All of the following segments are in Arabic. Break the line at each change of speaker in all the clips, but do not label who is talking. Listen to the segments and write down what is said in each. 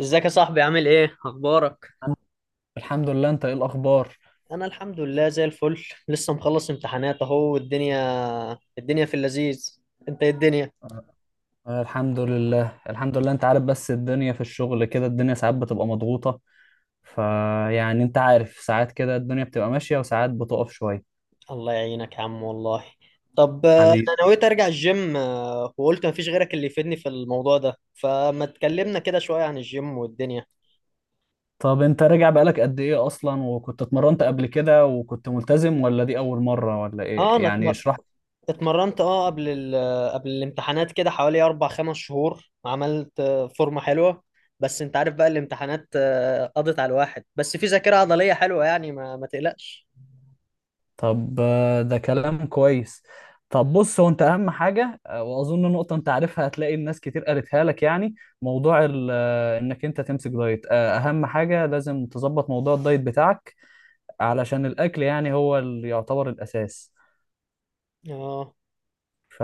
ازيك يا صاحبي، عامل ايه؟ اخبارك؟
الحمد لله. انت ايه الاخبار؟
انا الحمد لله زي الفل، لسه مخلص امتحانات اهو والدنيا الدنيا في اللذيذ. انت ايه الدنيا؟
الحمد لله، انت عارف، بس الدنيا في الشغل كده، الدنيا ساعات بتبقى مضغوطة. فيعني انت عارف، ساعات كده الدنيا بتبقى ماشية وساعات بتقف شوية.
الله يعينك يا عم والله. طب
حبيبي،
انا نويت ارجع الجيم، وقلت مفيش غيرك اللي يفيدني في الموضوع ده، فما تكلمنا كده شوية عن الجيم والدنيا.
طب انت راجع بقالك قد ايه اصلا؟ وكنت اتمرنت قبل كده وكنت ملتزم، ولا دي اول مرة ولا
اه
ايه؟
انا
يعني
اتمر...
اشرح.
اتمرنت اه قبل قبل الامتحانات كده حوالي اربع خمس شهور، عملت فورمة حلوة. بس انت عارف بقى الامتحانات قضت على الواحد، بس في ذاكرة عضلية حلوة يعني ما تقلقش.
طب ده كلام كويس. طب بص، هو انت اهم حاجه، واظن نقطه انت عارفها، هتلاقي الناس كتير قالتها لك، يعني موضوع انك انت تمسك دايت، اهم حاجه لازم تظبط موضوع الدايت بتاعك، علشان الاكل يعني هو اللي يعتبر الاساس.
اه،
ف...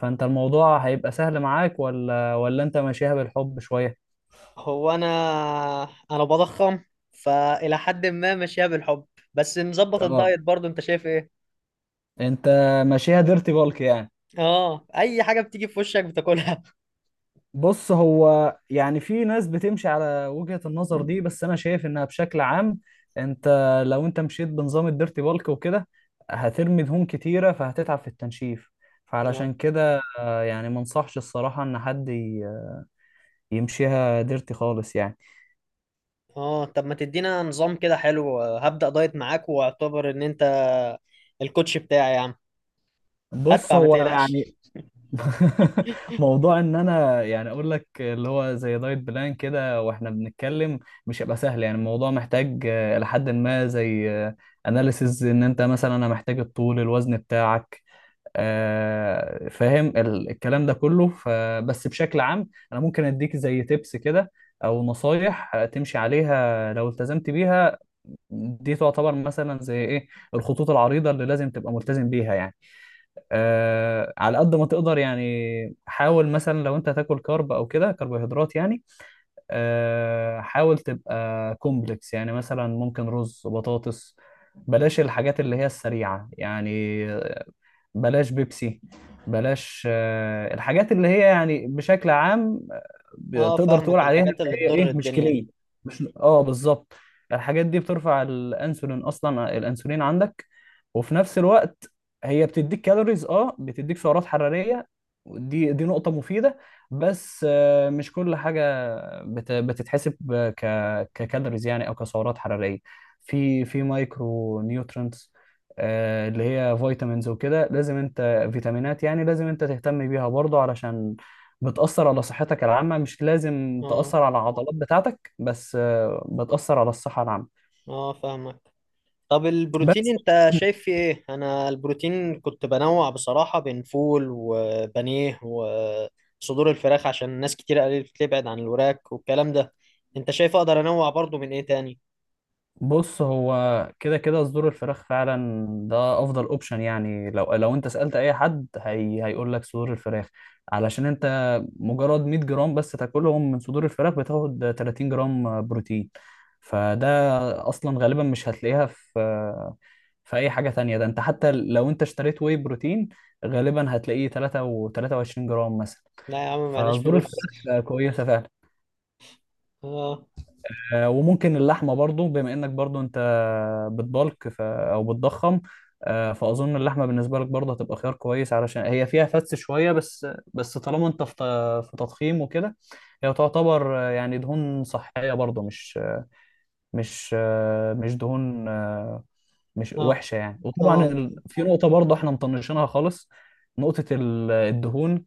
فانت الموضوع هيبقى سهل معاك ولا ولا انت ماشيها بالحب شويه؟
هو انا بضخم، فالى حد ما ماشيها بالحب، بس مظبط
اه،
الدايت برضو. انت شايف ايه؟
انت ماشيها ديرتي بالك يعني؟
اه، اي حاجة بتيجي في وشك بتاكلها.
بص، هو يعني في ناس بتمشي على وجهة النظر دي، بس انا شايف انها بشكل عام، انت لو انت مشيت بنظام الديرتي بالك وكده هترمي دهون كتيرة فهتتعب في التنشيف.
اه،
فعلشان كده يعني ما انصحش الصراحة ان حد يمشيها ديرتي خالص يعني.
اه طب ما تدينا نظام كده حلو، هبدأ دايت معاك واعتبر ان انت الكوتش بتاعي يا عم.
بص
هدفع ما
هو يعني
تقلقش.
موضوع ان انا يعني اقول لك اللي هو زي دايت بلان كده واحنا بنتكلم، مش هيبقى سهل. يعني الموضوع محتاج لحد ما زي اناليسز، ان انت مثلا انا محتاج الطول الوزن بتاعك، فاهم؟ الكلام ده كله. فبس بشكل عام انا ممكن اديك زي تيبس كده او نصايح تمشي عليها لو التزمت بيها. دي تعتبر مثلا زي ايه؟ الخطوط العريضة اللي لازم تبقى ملتزم بيها يعني. آه، على قد ما تقدر يعني حاول، مثلا لو انت هتاكل كارب او كده، كربوهيدرات يعني، آه حاول تبقى كومبلكس. يعني مثلا ممكن رز، بطاطس. بلاش الحاجات اللي هي السريعة يعني. بلاش بيبسي. بلاش الحاجات اللي هي يعني بشكل عام
اه
تقدر تقول
فاهمك،
عليها ان
الحاجات اللي
هي
تضر
ايه، مش
الدنيا
كليه؟
دي.
مش اه، بالظبط. الحاجات دي بترفع الانسولين اصلا. الانسولين عندك، وفي نفس الوقت هي بتديك كالوريز، اه بتديك سعرات حراريه. دي نقطه مفيده، بس مش كل حاجه بتتحسب ك ككالوريز يعني او كسعرات حراريه. في مايكرو نيوترينتس اللي هي فيتامينز وكده، لازم انت فيتامينات يعني لازم انت تهتم بيها برضه، علشان بتأثر على صحتك العامة. مش لازم
اه،
تأثر على العضلات بتاعتك، بس بتأثر على الصحة العامة.
اه فاهمك. طب البروتين
بس
انت شايف في ايه؟ انا البروتين كنت بنوع بصراحة بين فول وبانيه وصدور الفراخ، عشان ناس كتير قالت لي ابعد عن الوراك والكلام ده. انت شايف اقدر انوع برضو من ايه تاني؟
بص، هو كده كده صدور الفراخ فعلا ده افضل اوبشن. يعني لو انت سألت اي حد هي هيقول لك صدور الفراخ، علشان انت مجرد 100 جرام بس تاكلهم من صدور الفراخ بتاخد 30 جرام بروتين. فده اصلا غالبا مش هتلاقيها في اي حاجة تانية. ده انت حتى لو انت اشتريت واي بروتين غالبا هتلاقيه 3 و 23 جرام مثلا.
لا يا عم، معناش
فصدور
فلوس.
الفراخ كويسة فعلا.
اه،
آه، وممكن اللحمه برضو، بما انك برضو انت بتبلك او بتضخم، آه، فاظن اللحمه بالنسبه لك برضو هتبقى خيار كويس، علشان هي فيها فتس شويه بس، بس طالما انت في في تضخيم وكده هي تعتبر يعني دهون صحيه برضو، مش مش آه، مش دهون آه، مش
اه،
وحشه يعني. وطبعا
اه،
في نقطه برضو احنا مطنشينها خالص، نقطه الدهون.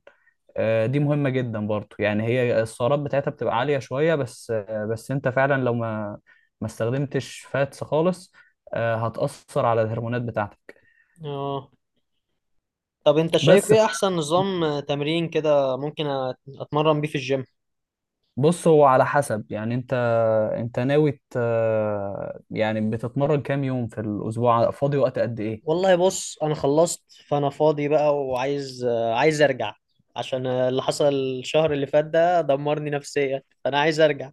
دي مهمة جدا برضو. يعني هي السعرات بتاعتها بتبقى عالية شوية، بس بس انت فعلا لو ما استخدمتش فاتس خالص هتأثر على الهرمونات بتاعتك.
اه طب انت شايف
بس ف-
ايه احسن نظام تمرين كده ممكن اتمرن بيه في الجيم؟
بص، هو على حسب، يعني انت ناوي يعني بتتمرن كام يوم في الأسبوع؟ فاضي وقت قد ايه؟
والله بص، انا خلصت، فانا فاضي بقى وعايز، عايز ارجع. عشان اللي حصل الشهر اللي فات ده دمرني نفسيا، فانا عايز ارجع.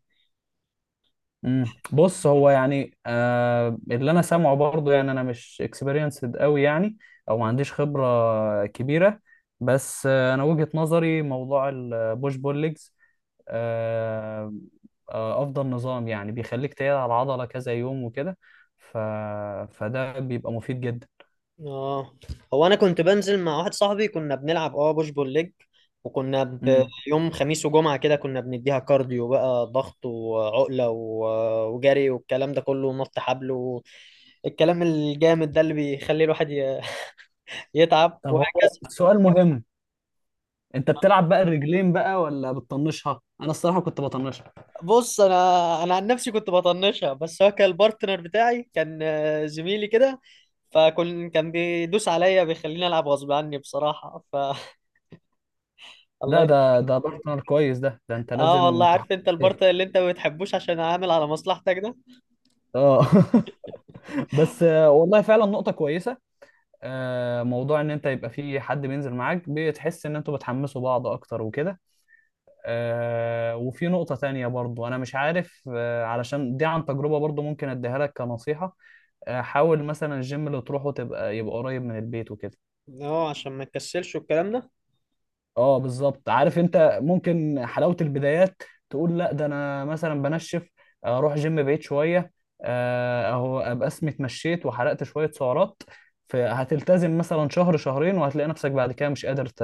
بص هو يعني، آه اللي انا سامعه برضه، يعني انا مش اكسبيرينسد قوي يعني، او ما عنديش خبره كبيره، بس آه انا وجهه نظري موضوع البوش بول ليجز، آه آه افضل نظام. يعني بيخليك تقعد على العضله كذا يوم وكده، ف... فده بيبقى مفيد جدا.
اه، هو انا كنت بنزل مع واحد صاحبي، كنا بنلعب اه بوش بول ليج، وكنا
مم.
يوم خميس وجمعة كده كنا بنديها كارديو بقى، ضغط وعقلة وجري والكلام ده كله، ونط حبل والكلام الجامد ده اللي بيخلي الواحد يتعب
طب هو
وهكذا.
سؤال مهم، انت بتلعب بقى الرجلين بقى ولا بتطنشها؟ انا الصراحه كنت بطنشها.
بص، انا عن نفسي كنت بطنشها، بس هو كان البارتنر بتاعي كان، زميلي كده، فكان بيدوس عليا بيخليني العب غصب عني بصراحه ف
ده
الله
ده ده بارتنر كويس، ده انت
اه والله،
لازم تحط.
عارف انت البارتنر اللي انت ما بتحبوش عشان عامل على مصلحتك ده.
اه بس والله فعلا نقطة كويسة. موضوع ان انت يبقى في حد بينزل معاك، بتحس ان انتوا بتحمسوا بعض اكتر وكده. وفي نقطة تانية برضو، انا مش عارف علشان دي عن تجربة برضو، ممكن اديها لك كنصيحة. حاول مثلا الجيم اللي تروحه تبقى يبقى قريب من البيت وكده.
اه عشان ما تكسلش والكلام ده.
اه بالظبط، عارف، انت ممكن حلاوة البدايات تقول لا ده انا مثلا بنشف، اروح جيم بعيد شوية، اهو ابقى اسمي اتمشيت وحرقت شوية سعرات، فهتلتزم مثلا شهر شهرين وهتلاقي نفسك بعد كده مش قادر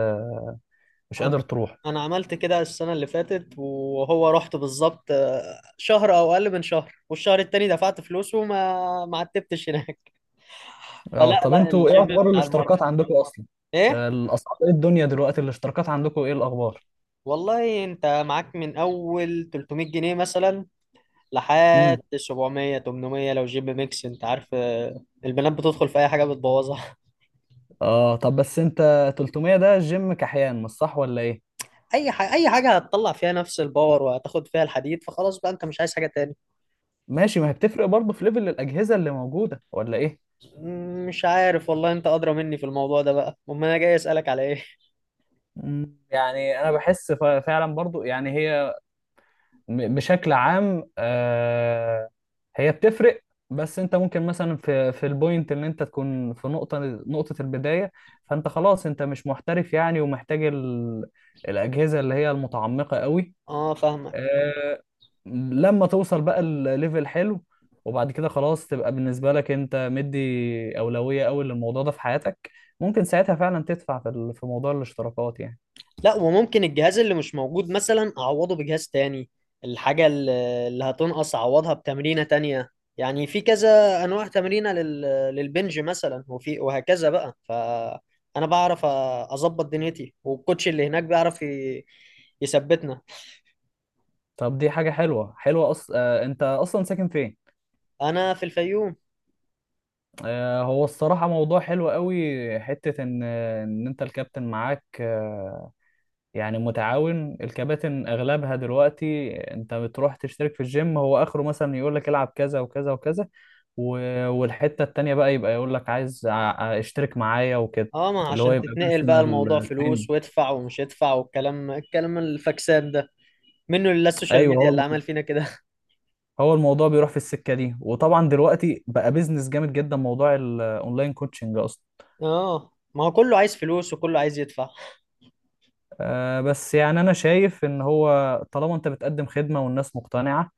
مش قادر
انا
تروح.
انا عملت كده السنه اللي فاتت، وهو رحت بالظبط شهر او اقل من شهر، والشهر التاني دفعت فلوس ما عتبتش هناك.
اه
فلا
طب
لا،
انتوا ايه
الجيم
اخبار
بتاع المره
الاشتراكات عندكم اصلا؟
ايه؟
الاسعار ايه الدنيا دلوقتي؟ الاشتراكات عندكم ايه الاخبار؟
والله انت معاك من اول 300 جنيه مثلا
امم
لحد 700 800، لو جيب ميكس انت عارف، البنات بتدخل في اي حاجه بتبوظها.
اه طب بس انت، 300 ده جيم كحيان مش صح ولا ايه؟
اي حاجه، اي حاجه هتطلع فيها نفس الباور وهتاخد فيها الحديد، فخلاص بقى انت مش عايز حاجه تاني.
ماشي، ما هي بتفرق برضه في ليفل الاجهزة اللي موجودة ولا ايه؟
مش عارف والله، انت ادرى مني في الموضوع ده بقى، امال انا جاي اسالك على ايه؟
مم. يعني انا بحس فعلا برضو، يعني هي بشكل عام هي بتفرق، بس انت ممكن مثلا في البوينت ان انت تكون في نقطة البداية، فانت خلاص انت مش محترف يعني ومحتاج الأجهزة اللي هي المتعمقة قوي.
اه فاهمك.
آه، لما توصل بقى الليفل حلو، وبعد كده خلاص تبقى بالنسبة لك انت مدي أولوية قوي للموضوع ده في حياتك، ممكن ساعتها فعلا تدفع في في موضوع الاشتراكات يعني.
لا، وممكن الجهاز اللي مش موجود مثلا اعوضه بجهاز تاني، الحاجة اللي هتنقص اعوضها بتمرينة تانية. يعني في كذا انواع تمرينة للبنج مثلا، وفي وهكذا بقى، فانا بعرف اظبط دنيتي، والكوتش اللي هناك بيعرف يثبتنا.
طب دي حاجة حلوة، حلوة أص... آه، أنت أصلا ساكن فين؟
انا في الفيوم.
هو الصراحة موضوع حلو قوي، حتة إن أنت الكابتن معاك يعني متعاون. الكباتن أغلبها دلوقتي أنت بتروح تشترك في الجيم، هو آخره مثلا يقول لك العب كذا وكذا وكذا، والحتة التانية بقى يبقى يقول لك عايز اشترك معايا وكده،
اه ما
اللي هو
عشان
يبقى
تتنقل بقى، الموضوع
بيرسونال تريننج.
فلوس، وادفع ومش ادفع والكلام الفاكسات ده، منه لله السوشيال
ايوه
ميديا اللي
هو،
عمل فينا كده.
الموضوع بيروح في السكة دي. وطبعا دلوقتي بقى بيزنس جامد جدا موضوع الاونلاين كوتشنج اصلا.
اه، ما هو كله عايز فلوس وكله عايز يدفع.
بس يعني أنا شايف إن هو طالما أنت بتقدم خدمة والناس مقتنعة،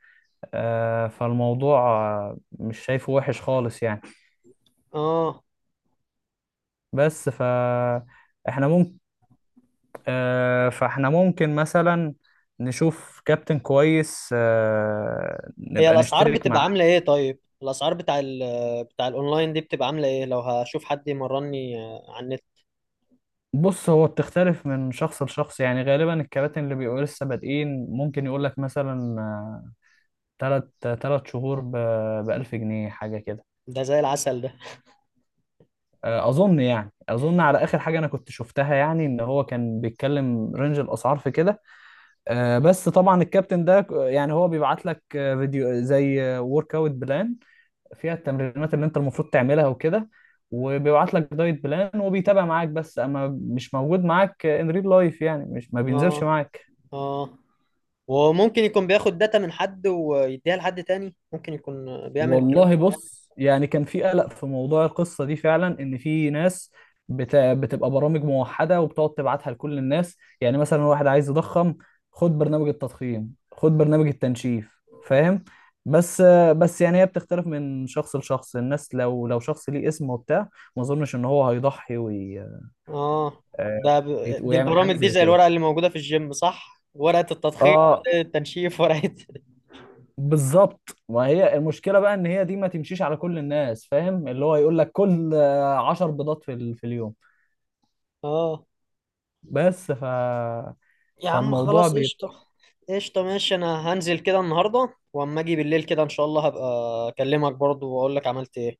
فالموضوع مش شايفه وحش خالص يعني.
اه،
بس ف إحنا ممكن آه، فإحنا ممكن مثلا نشوف كابتن كويس
هي
نبقى
الاسعار
نشترك
بتبقى
معاه.
عامله ايه؟ طيب الاسعار بتاع بتاع الاونلاين دي بتبقى عامله ايه، لو هشوف حد يمرني على النت؟
بص هو بتختلف من شخص لشخص، يعني غالبا الكباتن اللي بيبقوا لسه بادئين ممكن يقول لك مثلا تلت تلت شهور ب 1000 جنيه حاجة كده.
ده زي العسل ده.
اظن يعني على اخر حاجه انا كنت شفتها، يعني ان هو كان بيتكلم رينج الاسعار في كده. بس طبعا الكابتن ده يعني هو بيبعت لك فيديو زي ورك اوت بلان فيها التمرينات اللي انت المفروض تعملها وكده، وبيبعت لك دايت بلان وبيتابع معاك، بس اما مش موجود معاك ان ريل لايف يعني، مش ما بينزلش
اه،
معاك.
اه وممكن يكون بياخد داتا من حد ويديها لحد تاني، ممكن يكون بيعمل الكلام.
والله بص، يعني كان في قلق في موضوع القصة دي فعلا، ان في ناس بتبقى برامج موحدة وبتقعد تبعتها لكل الناس، يعني مثلا واحد عايز يضخم خد برنامج التضخيم، خد برنامج التنشيف، فاهم؟ بس بس يعني هي بتختلف من شخص لشخص. الناس لو شخص ليه اسم وبتاع، ما اظنش ان هو هيضحي وي...
اه
آه،
ده ب... دي
ويعمل حاجة
البرامج دي
زي
زي
كده.
الورقه اللي موجوده في الجيم صح، ورقه التضخيم،
اه
ورقة التنشيف، ورقه
بالظبط، ما هي المشكله بقى ان هي دي ما تمشيش على كل الناس، فاهم؟ اللي هو يقول لك كل عشر بيضات في في اليوم.
اه.
بس ف
يا عم
فالموضوع
خلاص قشطه،
بيبقى،
قشطه ماشي. انا هنزل كده النهارده، واما اجي بالليل كده ان شاء الله هبقى اكلمك برضو واقول لك عملت ايه.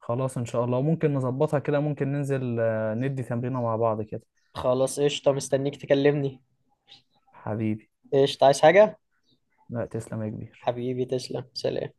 خلاص ان شاء الله، وممكن نظبطها كده، ممكن ننزل ندي تمرينه مع بعض كده.
خلاص قشطة، مستنيك تكلمني.
حبيبي،
قشطة، عايز حاجة؟
لا تسلم يا كبير.
حبيبي تسلم، سلام.